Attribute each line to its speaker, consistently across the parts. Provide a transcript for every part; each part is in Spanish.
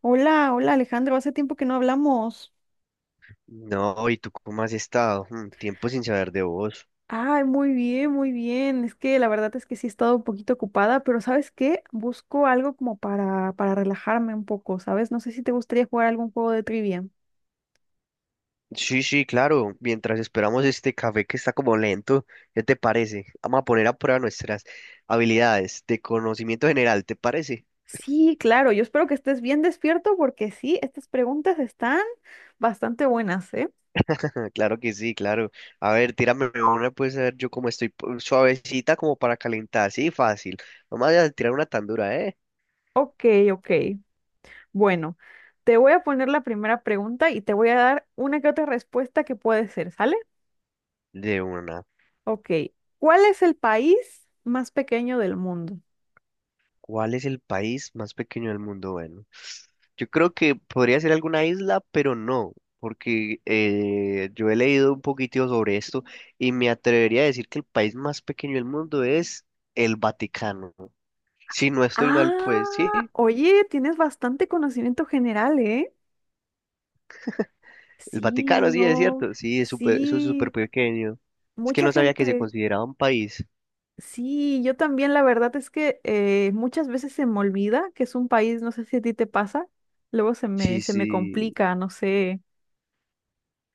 Speaker 1: Hola, hola Alejandro, hace tiempo que no hablamos.
Speaker 2: No, ¿y tú cómo has estado? Tiempo sin saber de vos.
Speaker 1: Ay, muy bien, muy bien. Es que la verdad es que sí he estado un poquito ocupada, pero ¿sabes qué? Busco algo como para relajarme un poco, ¿sabes? No sé si te gustaría jugar algún juego de trivia.
Speaker 2: Sí, sí, claro. Mientras esperamos este café que está como lento, ¿qué te parece? Vamos a poner a prueba nuestras habilidades de conocimiento general, ¿te parece?
Speaker 1: Sí, claro, yo espero que estés bien despierto porque sí, estas preguntas están bastante buenas, ¿eh?
Speaker 2: Claro que sí, claro. A ver, tírame una, pues a ver yo cómo estoy suavecita como para calentar. Sí, fácil. Vamos a tirar una tan dura, ¿eh?
Speaker 1: Ok, ok. Bueno, te voy a poner la primera pregunta y te voy a dar una que otra respuesta que puede ser, ¿sale?
Speaker 2: De una.
Speaker 1: Ok. ¿Cuál es el país más pequeño del mundo?
Speaker 2: ¿Cuál es el país más pequeño del mundo? Bueno, yo creo que podría ser alguna isla, pero no, porque yo he leído un poquito sobre esto y me atrevería a decir que el país más pequeño del mundo es el Vaticano. Si no estoy mal, pues
Speaker 1: Ah,
Speaker 2: sí,
Speaker 1: oye, tienes bastante conocimiento general, ¿eh?
Speaker 2: el
Speaker 1: Sí,
Speaker 2: Vaticano, sí, es
Speaker 1: no,
Speaker 2: cierto, sí, es súper, eso es súper
Speaker 1: sí,
Speaker 2: pequeño. Es que
Speaker 1: mucha
Speaker 2: no sabía que se
Speaker 1: gente.
Speaker 2: consideraba un país.
Speaker 1: Sí, yo también, la verdad es que muchas veces se me olvida que es un país, no sé si a ti te pasa, luego se me,
Speaker 2: Sí,
Speaker 1: se me
Speaker 2: sí.
Speaker 1: complica, no sé.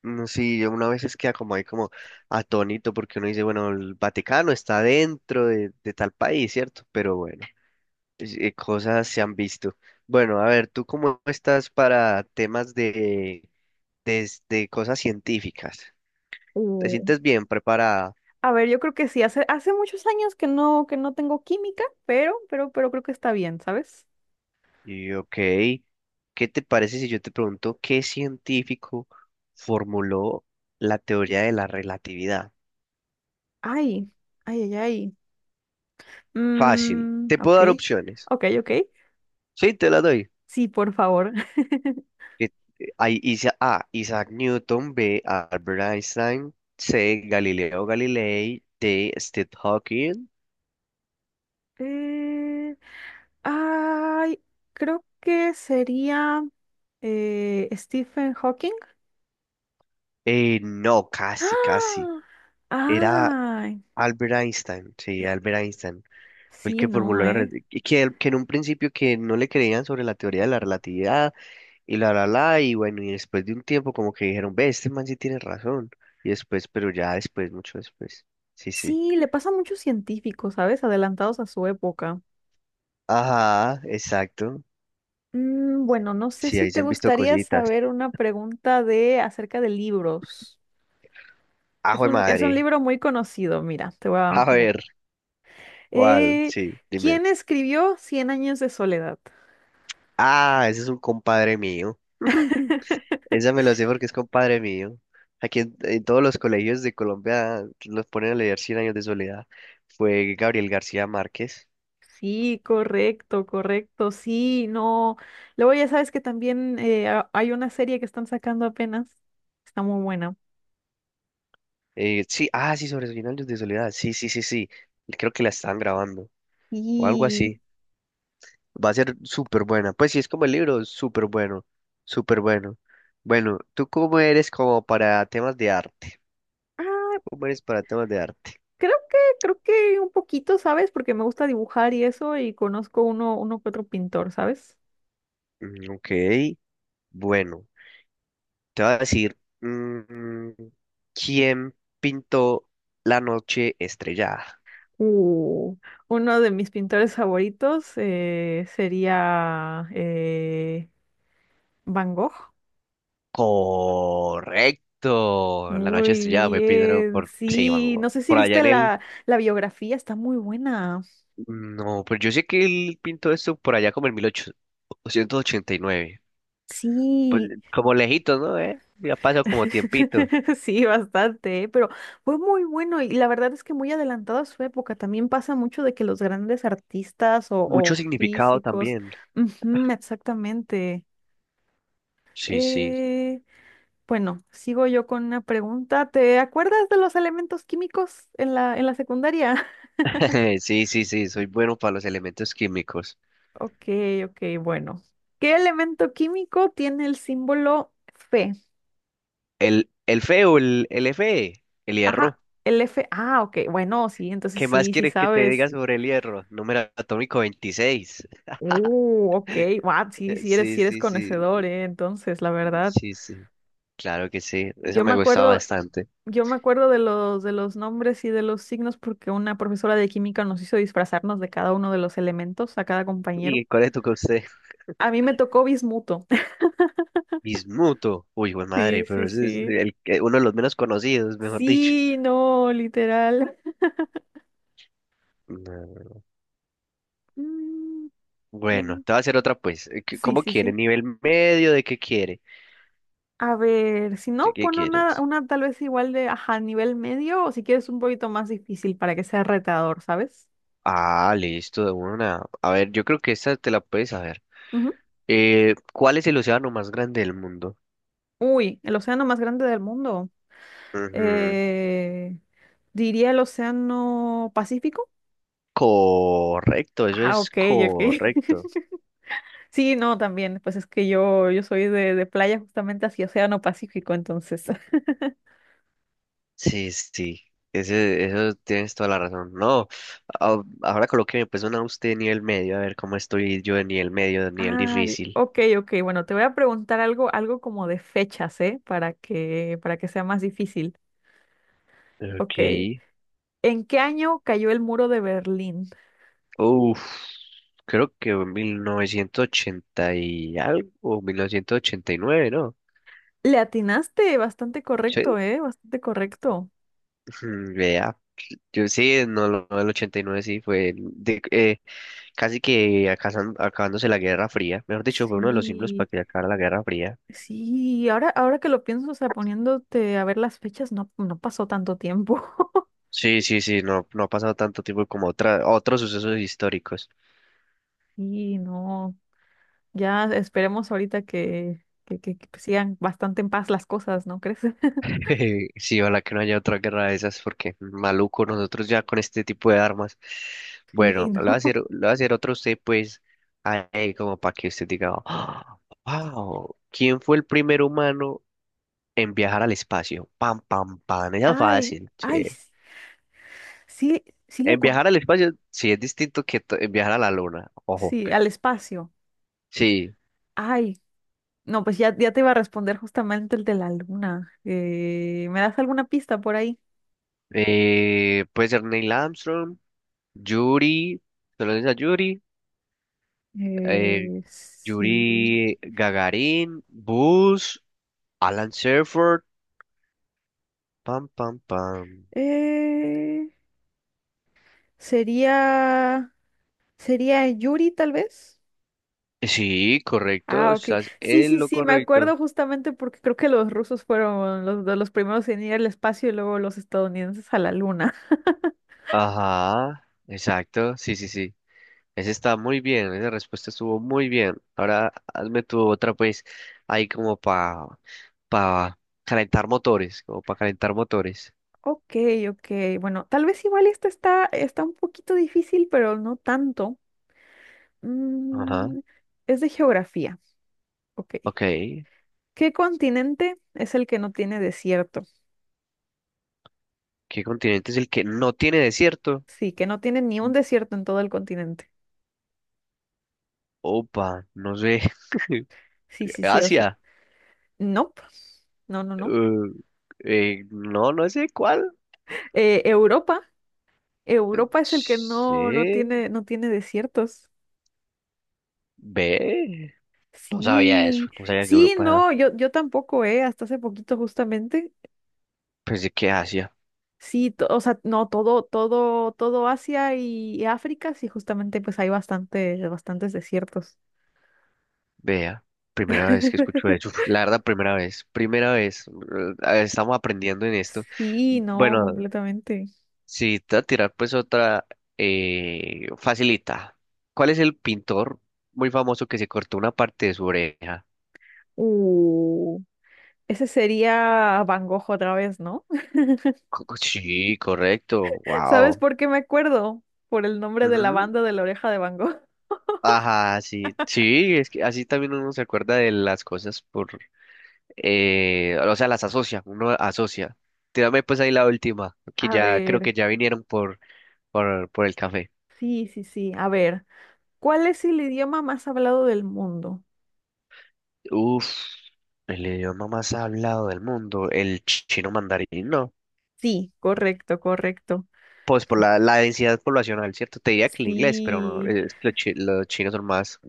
Speaker 2: Sí, yo una vez es queda como ahí como atónito porque uno dice, bueno, el Vaticano está dentro de tal país, ¿cierto? Pero bueno, cosas se han visto. Bueno, a ver, ¿tú cómo estás para temas de cosas científicas? ¿Te
Speaker 1: Mm.
Speaker 2: sientes bien preparada?
Speaker 1: A ver, yo creo que sí, hace muchos años que no tengo química, pero creo que está bien, ¿sabes?
Speaker 2: Y ok, ¿qué te parece si yo te pregunto qué científico formuló la teoría de la relatividad?
Speaker 1: Ay, ay, ay, ay.
Speaker 2: Fácil,
Speaker 1: Mm,
Speaker 2: te puedo
Speaker 1: ok,
Speaker 2: dar opciones.
Speaker 1: ok, ok.
Speaker 2: Sí, te las doy.
Speaker 1: Sí, por favor.
Speaker 2: Que A. Isaac Newton, B. Albert Einstein, C. Galileo Galilei, D. Steve Hawking.
Speaker 1: Eh, ay, creo que sería Stephen Hawking.
Speaker 2: No, casi, casi.
Speaker 1: ¡Ah!
Speaker 2: Era
Speaker 1: Ay,
Speaker 2: Albert Einstein, sí, Albert Einstein. Fue el
Speaker 1: sí,
Speaker 2: que
Speaker 1: no,
Speaker 2: formuló la... re-
Speaker 1: ¿eh?
Speaker 2: y que en un principio que no le creían sobre la teoría de la relatividad y bueno, y después de un tiempo como que dijeron, ve, este man sí tiene razón. Y después, pero ya después, mucho después. Sí, sí.
Speaker 1: Sí, le pasa a muchos científicos, ¿sabes? Adelantados a su época.
Speaker 2: Ajá, exacto.
Speaker 1: Bueno, no sé
Speaker 2: Sí,
Speaker 1: si
Speaker 2: ahí
Speaker 1: te
Speaker 2: se han visto
Speaker 1: gustaría
Speaker 2: cositas.
Speaker 1: saber una pregunta de acerca de libros.
Speaker 2: Ajo
Speaker 1: Es
Speaker 2: de
Speaker 1: un, es un
Speaker 2: madre.
Speaker 1: libro muy conocido, mira, te voy
Speaker 2: A
Speaker 1: a... pregun-
Speaker 2: ver, ¿cuál?
Speaker 1: Eh,
Speaker 2: Sí, dime.
Speaker 1: ¿Quién escribió Cien años de soledad?
Speaker 2: Ah, ese es un compadre mío. Esa me lo sé porque es compadre mío. Aquí en todos los colegios de Colombia los ponen a leer Cien años de soledad. Fue Gabriel García Márquez.
Speaker 1: Sí, correcto, correcto, sí, no. Luego ya sabes que también hay una serie que están sacando apenas. Está muy buena.
Speaker 2: Sí, sí, sobre Cien años de soledad. Sí, sí, sí, sí. Creo que la están grabando o algo
Speaker 1: Y
Speaker 2: así. Va a ser súper buena. Pues sí, es como el libro, súper bueno, súper bueno. Bueno, ¿tú cómo eres como para temas de arte?
Speaker 1: ah,
Speaker 2: ¿Cómo eres para temas de arte?
Speaker 1: creo que un poquito, ¿sabes? Porque me gusta dibujar y eso, y conozco uno que otro pintor, ¿sabes?
Speaker 2: Ok. Bueno, te voy a decir, ¿quién pintó La Noche Estrellada?
Speaker 1: Uh, Uno de mis pintores favoritos sería Van Gogh.
Speaker 2: Correcto, La Noche
Speaker 1: Muy
Speaker 2: Estrellada fue pintado
Speaker 1: bien,
Speaker 2: por, sí, man,
Speaker 1: sí. No sé si
Speaker 2: por allá
Speaker 1: viste
Speaker 2: en el,
Speaker 1: la biografía, está muy buena.
Speaker 2: no, pues yo sé que él pintó esto por allá como en mil ochocientos ochenta y nueve, pues
Speaker 1: Sí,
Speaker 2: como lejito, ¿no? ¿Eh? Ya pasó como tiempito,
Speaker 1: sí, bastante, ¿eh? Pero fue muy bueno y la verdad es que muy adelantado a su época. También pasa mucho de que los grandes artistas o
Speaker 2: mucho significado
Speaker 1: físicos,
Speaker 2: también,
Speaker 1: ujú, exactamente.
Speaker 2: sí, sí.
Speaker 1: Eh, bueno, sigo yo con una pregunta. ¿Te acuerdas de los elementos químicos en la secundaria?
Speaker 2: Sí, sí, sí, soy bueno para los elementos químicos,
Speaker 1: Ok, ok, bueno. ¿Qué elemento químico tiene el símbolo Fe?
Speaker 2: el, el Fe, el
Speaker 1: Ajá,
Speaker 2: hierro.
Speaker 1: el F. Ah, ok, bueno, sí, entonces
Speaker 2: ¿Qué más
Speaker 1: sí, sí
Speaker 2: quieres que te diga
Speaker 1: sabes.
Speaker 2: sobre el hierro? Número atómico 26.
Speaker 1: Ok, wow, sí, sí eres,
Speaker 2: Sí,
Speaker 1: sí eres
Speaker 2: sí, sí,
Speaker 1: conocedor, entonces, la verdad.
Speaker 2: sí, sí. Claro que sí, eso
Speaker 1: Yo me
Speaker 2: me gustaba
Speaker 1: acuerdo,
Speaker 2: bastante.
Speaker 1: yo me acuerdo de los nombres y de los signos porque una profesora de química nos hizo disfrazarnos de cada uno de los elementos, a cada compañero.
Speaker 2: ¿Y cuál es tu usted?
Speaker 1: A mí me tocó bismuto.
Speaker 2: Bismuto. Uy, güey
Speaker 1: Sí,
Speaker 2: madre, pero
Speaker 1: sí,
Speaker 2: ese es
Speaker 1: sí.
Speaker 2: uno de los menos conocidos, mejor dicho.
Speaker 1: Sí, no, literal.
Speaker 2: No.
Speaker 1: Mm,
Speaker 2: Bueno,
Speaker 1: eh,
Speaker 2: te voy a hacer otra pues.
Speaker 1: sí,
Speaker 2: ¿Cómo
Speaker 1: sí,
Speaker 2: quiere?
Speaker 1: sí.
Speaker 2: ¿Nivel medio? ¿De qué quiere?
Speaker 1: A ver, si
Speaker 2: ¿De
Speaker 1: no,
Speaker 2: qué
Speaker 1: pon una,
Speaker 2: quieres?
Speaker 1: una tal vez igual de, ajá, nivel medio o si quieres un poquito más difícil para que sea retador, ¿sabes?
Speaker 2: Ah, listo, de una. A ver, yo creo que esta te la puedes saber. ¿Cuál es el océano más grande del mundo?
Speaker 1: Uy, el océano más grande del mundo.
Speaker 2: Ujú.
Speaker 1: Eh, Diría el océano Pacífico.
Speaker 2: Correcto, eso
Speaker 1: Ah,
Speaker 2: es
Speaker 1: ok, ok.
Speaker 2: correcto.
Speaker 1: Sí, no, también. Pues es que yo soy de playa justamente hacia océano Pacífico, entonces.
Speaker 2: Sí, sí, sí. Ese, eso tienes toda la razón. No, ahora colóqueme pues una usted de nivel medio, a ver cómo estoy yo de nivel medio, de nivel
Speaker 1: Ay,
Speaker 2: difícil.
Speaker 1: ok, ok. Bueno, te voy a preguntar algo como de fechas, ¿eh? Para que sea más difícil.
Speaker 2: Ok.
Speaker 1: Ok. ¿En qué año cayó el muro de Berlín?
Speaker 2: Uf, creo que en 1980 y algo, o 1989, ¿no?
Speaker 1: Le atinaste, bastante
Speaker 2: Sí.
Speaker 1: correcto, ¿eh? Bastante correcto.
Speaker 2: Vea. Yo sí, no, lo no, el 89 sí fue casi que acabándose la Guerra Fría. Mejor dicho, fue uno de los símbolos
Speaker 1: Sí.
Speaker 2: para que acabara la Guerra Fría.
Speaker 1: Sí, ahora que lo pienso, o sea, poniéndote a ver las fechas, no, no pasó tanto tiempo.
Speaker 2: Sí, sí, sí, no, no ha pasado tanto tiempo como otros sucesos históricos.
Speaker 1: Y no, ya esperemos ahorita que sigan bastante en paz las cosas, ¿no crees?
Speaker 2: Sí, ojalá que no haya otra guerra de esas, porque maluco nosotros ya con este tipo de armas.
Speaker 1: Sí,
Speaker 2: Bueno,
Speaker 1: no.
Speaker 2: lo voy a hacer otro a usted, pues, ahí como para que usted diga, wow, ¿quién fue el primer humano en viajar al espacio? Pam, pam, pam, esa es
Speaker 1: Ay,
Speaker 2: fácil,
Speaker 1: ay,
Speaker 2: che.
Speaker 1: s- sí, sí lo
Speaker 2: En
Speaker 1: con...
Speaker 2: viajar al espacio, sí, es distinto que en viajar a la luna, ojo.
Speaker 1: Sí, al espacio.
Speaker 2: Sí,
Speaker 1: Ay, no, pues ya, ya te iba a responder justamente el de la luna. ¿Me das alguna pista por ahí?
Speaker 2: puede ser Neil Armstrong. Yuri, solo a Yuri, eh,
Speaker 1: Sí.
Speaker 2: Yuri Gagarin, Buzz, Alan Shepard, pam, pam, pam.
Speaker 1: Eh, sería. ¿Sería Yuri, tal vez?
Speaker 2: Sí, correcto,
Speaker 1: Ah, ok.
Speaker 2: estás
Speaker 1: Sí,
Speaker 2: en
Speaker 1: sí,
Speaker 2: lo
Speaker 1: sí, me
Speaker 2: correcto.
Speaker 1: acuerdo justamente porque creo que los rusos fueron de los primeros en ir al espacio y luego los estadounidenses a la luna.
Speaker 2: Ajá, exacto, sí, sí, sí. Ese está muy bien, esa respuesta estuvo muy bien. Ahora hazme tu otra, pues, ahí como para pa pa calentar motores, como para calentar motores.
Speaker 1: Ok, ok. Bueno, tal vez igual esta está un poquito difícil, pero no tanto.
Speaker 2: Ajá,
Speaker 1: Mm, es de geografía. Ok.
Speaker 2: ok.
Speaker 1: ¿Qué continente es el que no tiene desierto?
Speaker 2: ¿Qué continente es el que no tiene desierto?
Speaker 1: Sí, que no tiene ni un desierto en todo el continente.
Speaker 2: Opa, no sé.
Speaker 1: Sí, sí, sí, o sea,
Speaker 2: Asia.
Speaker 1: nope. No, no, no.
Speaker 2: Uh, no, no sé cuál.
Speaker 1: Europa. Europa es el que no, no
Speaker 2: Sí.
Speaker 1: tiene, no tiene desiertos.
Speaker 2: Ve. No sabía eso.
Speaker 1: Sí,
Speaker 2: No sabía que
Speaker 1: sí,
Speaker 2: Europa era.
Speaker 1: no, yo tampoco, hasta hace poquito justamente.
Speaker 2: Pensé que Asia.
Speaker 1: Sí, o sea, no, todo Asia y África, sí, justamente pues hay bastantes desiertos.
Speaker 2: Vea. Primera vez que escucho eso. La verdad, primera vez. Primera vez. Estamos aprendiendo en esto.
Speaker 1: Sí, no,
Speaker 2: Bueno,
Speaker 1: completamente.
Speaker 2: si te va a tirar pues otra. Facilita. ¿Cuál es el pintor muy famoso que se cortó una parte de su oreja?
Speaker 1: Uh, Ese sería Van Gogh otra vez, ¿no?
Speaker 2: Sí, correcto.
Speaker 1: ¿Sabes
Speaker 2: Wow.
Speaker 1: por qué me acuerdo? Por el nombre de la banda de la oreja de Van Gogh.
Speaker 2: Ajá, sí, sí, es que así también uno se acuerda de las cosas o sea, las asocia, uno asocia. Tírame pues ahí la última, que
Speaker 1: A
Speaker 2: ya creo
Speaker 1: ver,
Speaker 2: que ya vinieron por el café.
Speaker 1: sí, sí, sí, a ver. ¿Cuál es el idioma más hablado del mundo?
Speaker 2: Uf, el idioma más hablado del mundo, el chino mandarín, no.
Speaker 1: Sí. Correcto, correcto.
Speaker 2: Pues por la densidad poblacional, ¿cierto? Te diría que el inglés, pero no,
Speaker 1: Sí,
Speaker 2: es que los chinos son más...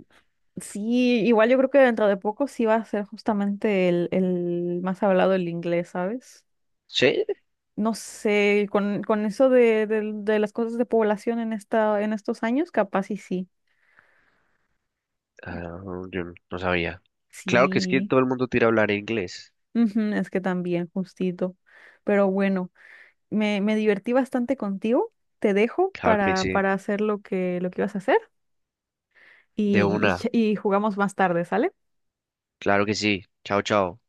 Speaker 1: sí, igual yo creo que dentro de poco sí va a ser justamente el más hablado el inglés, ¿sabes?
Speaker 2: Sí,
Speaker 1: No sé, con eso de las cosas de población en en estos años, capaz y sí.
Speaker 2: ah, yo no sabía. Claro que es que
Speaker 1: Sí,
Speaker 2: todo el mundo tira a hablar inglés,
Speaker 1: ujú, es que también, justito. Pero bueno, me divertí bastante contigo. Te dejo
Speaker 2: claro que
Speaker 1: para,
Speaker 2: sí,
Speaker 1: para hacer lo que ibas a hacer
Speaker 2: de
Speaker 1: y,
Speaker 2: una.
Speaker 1: y y jugamos más tarde, ¿sale?
Speaker 2: Claro que sí. Chao, chao.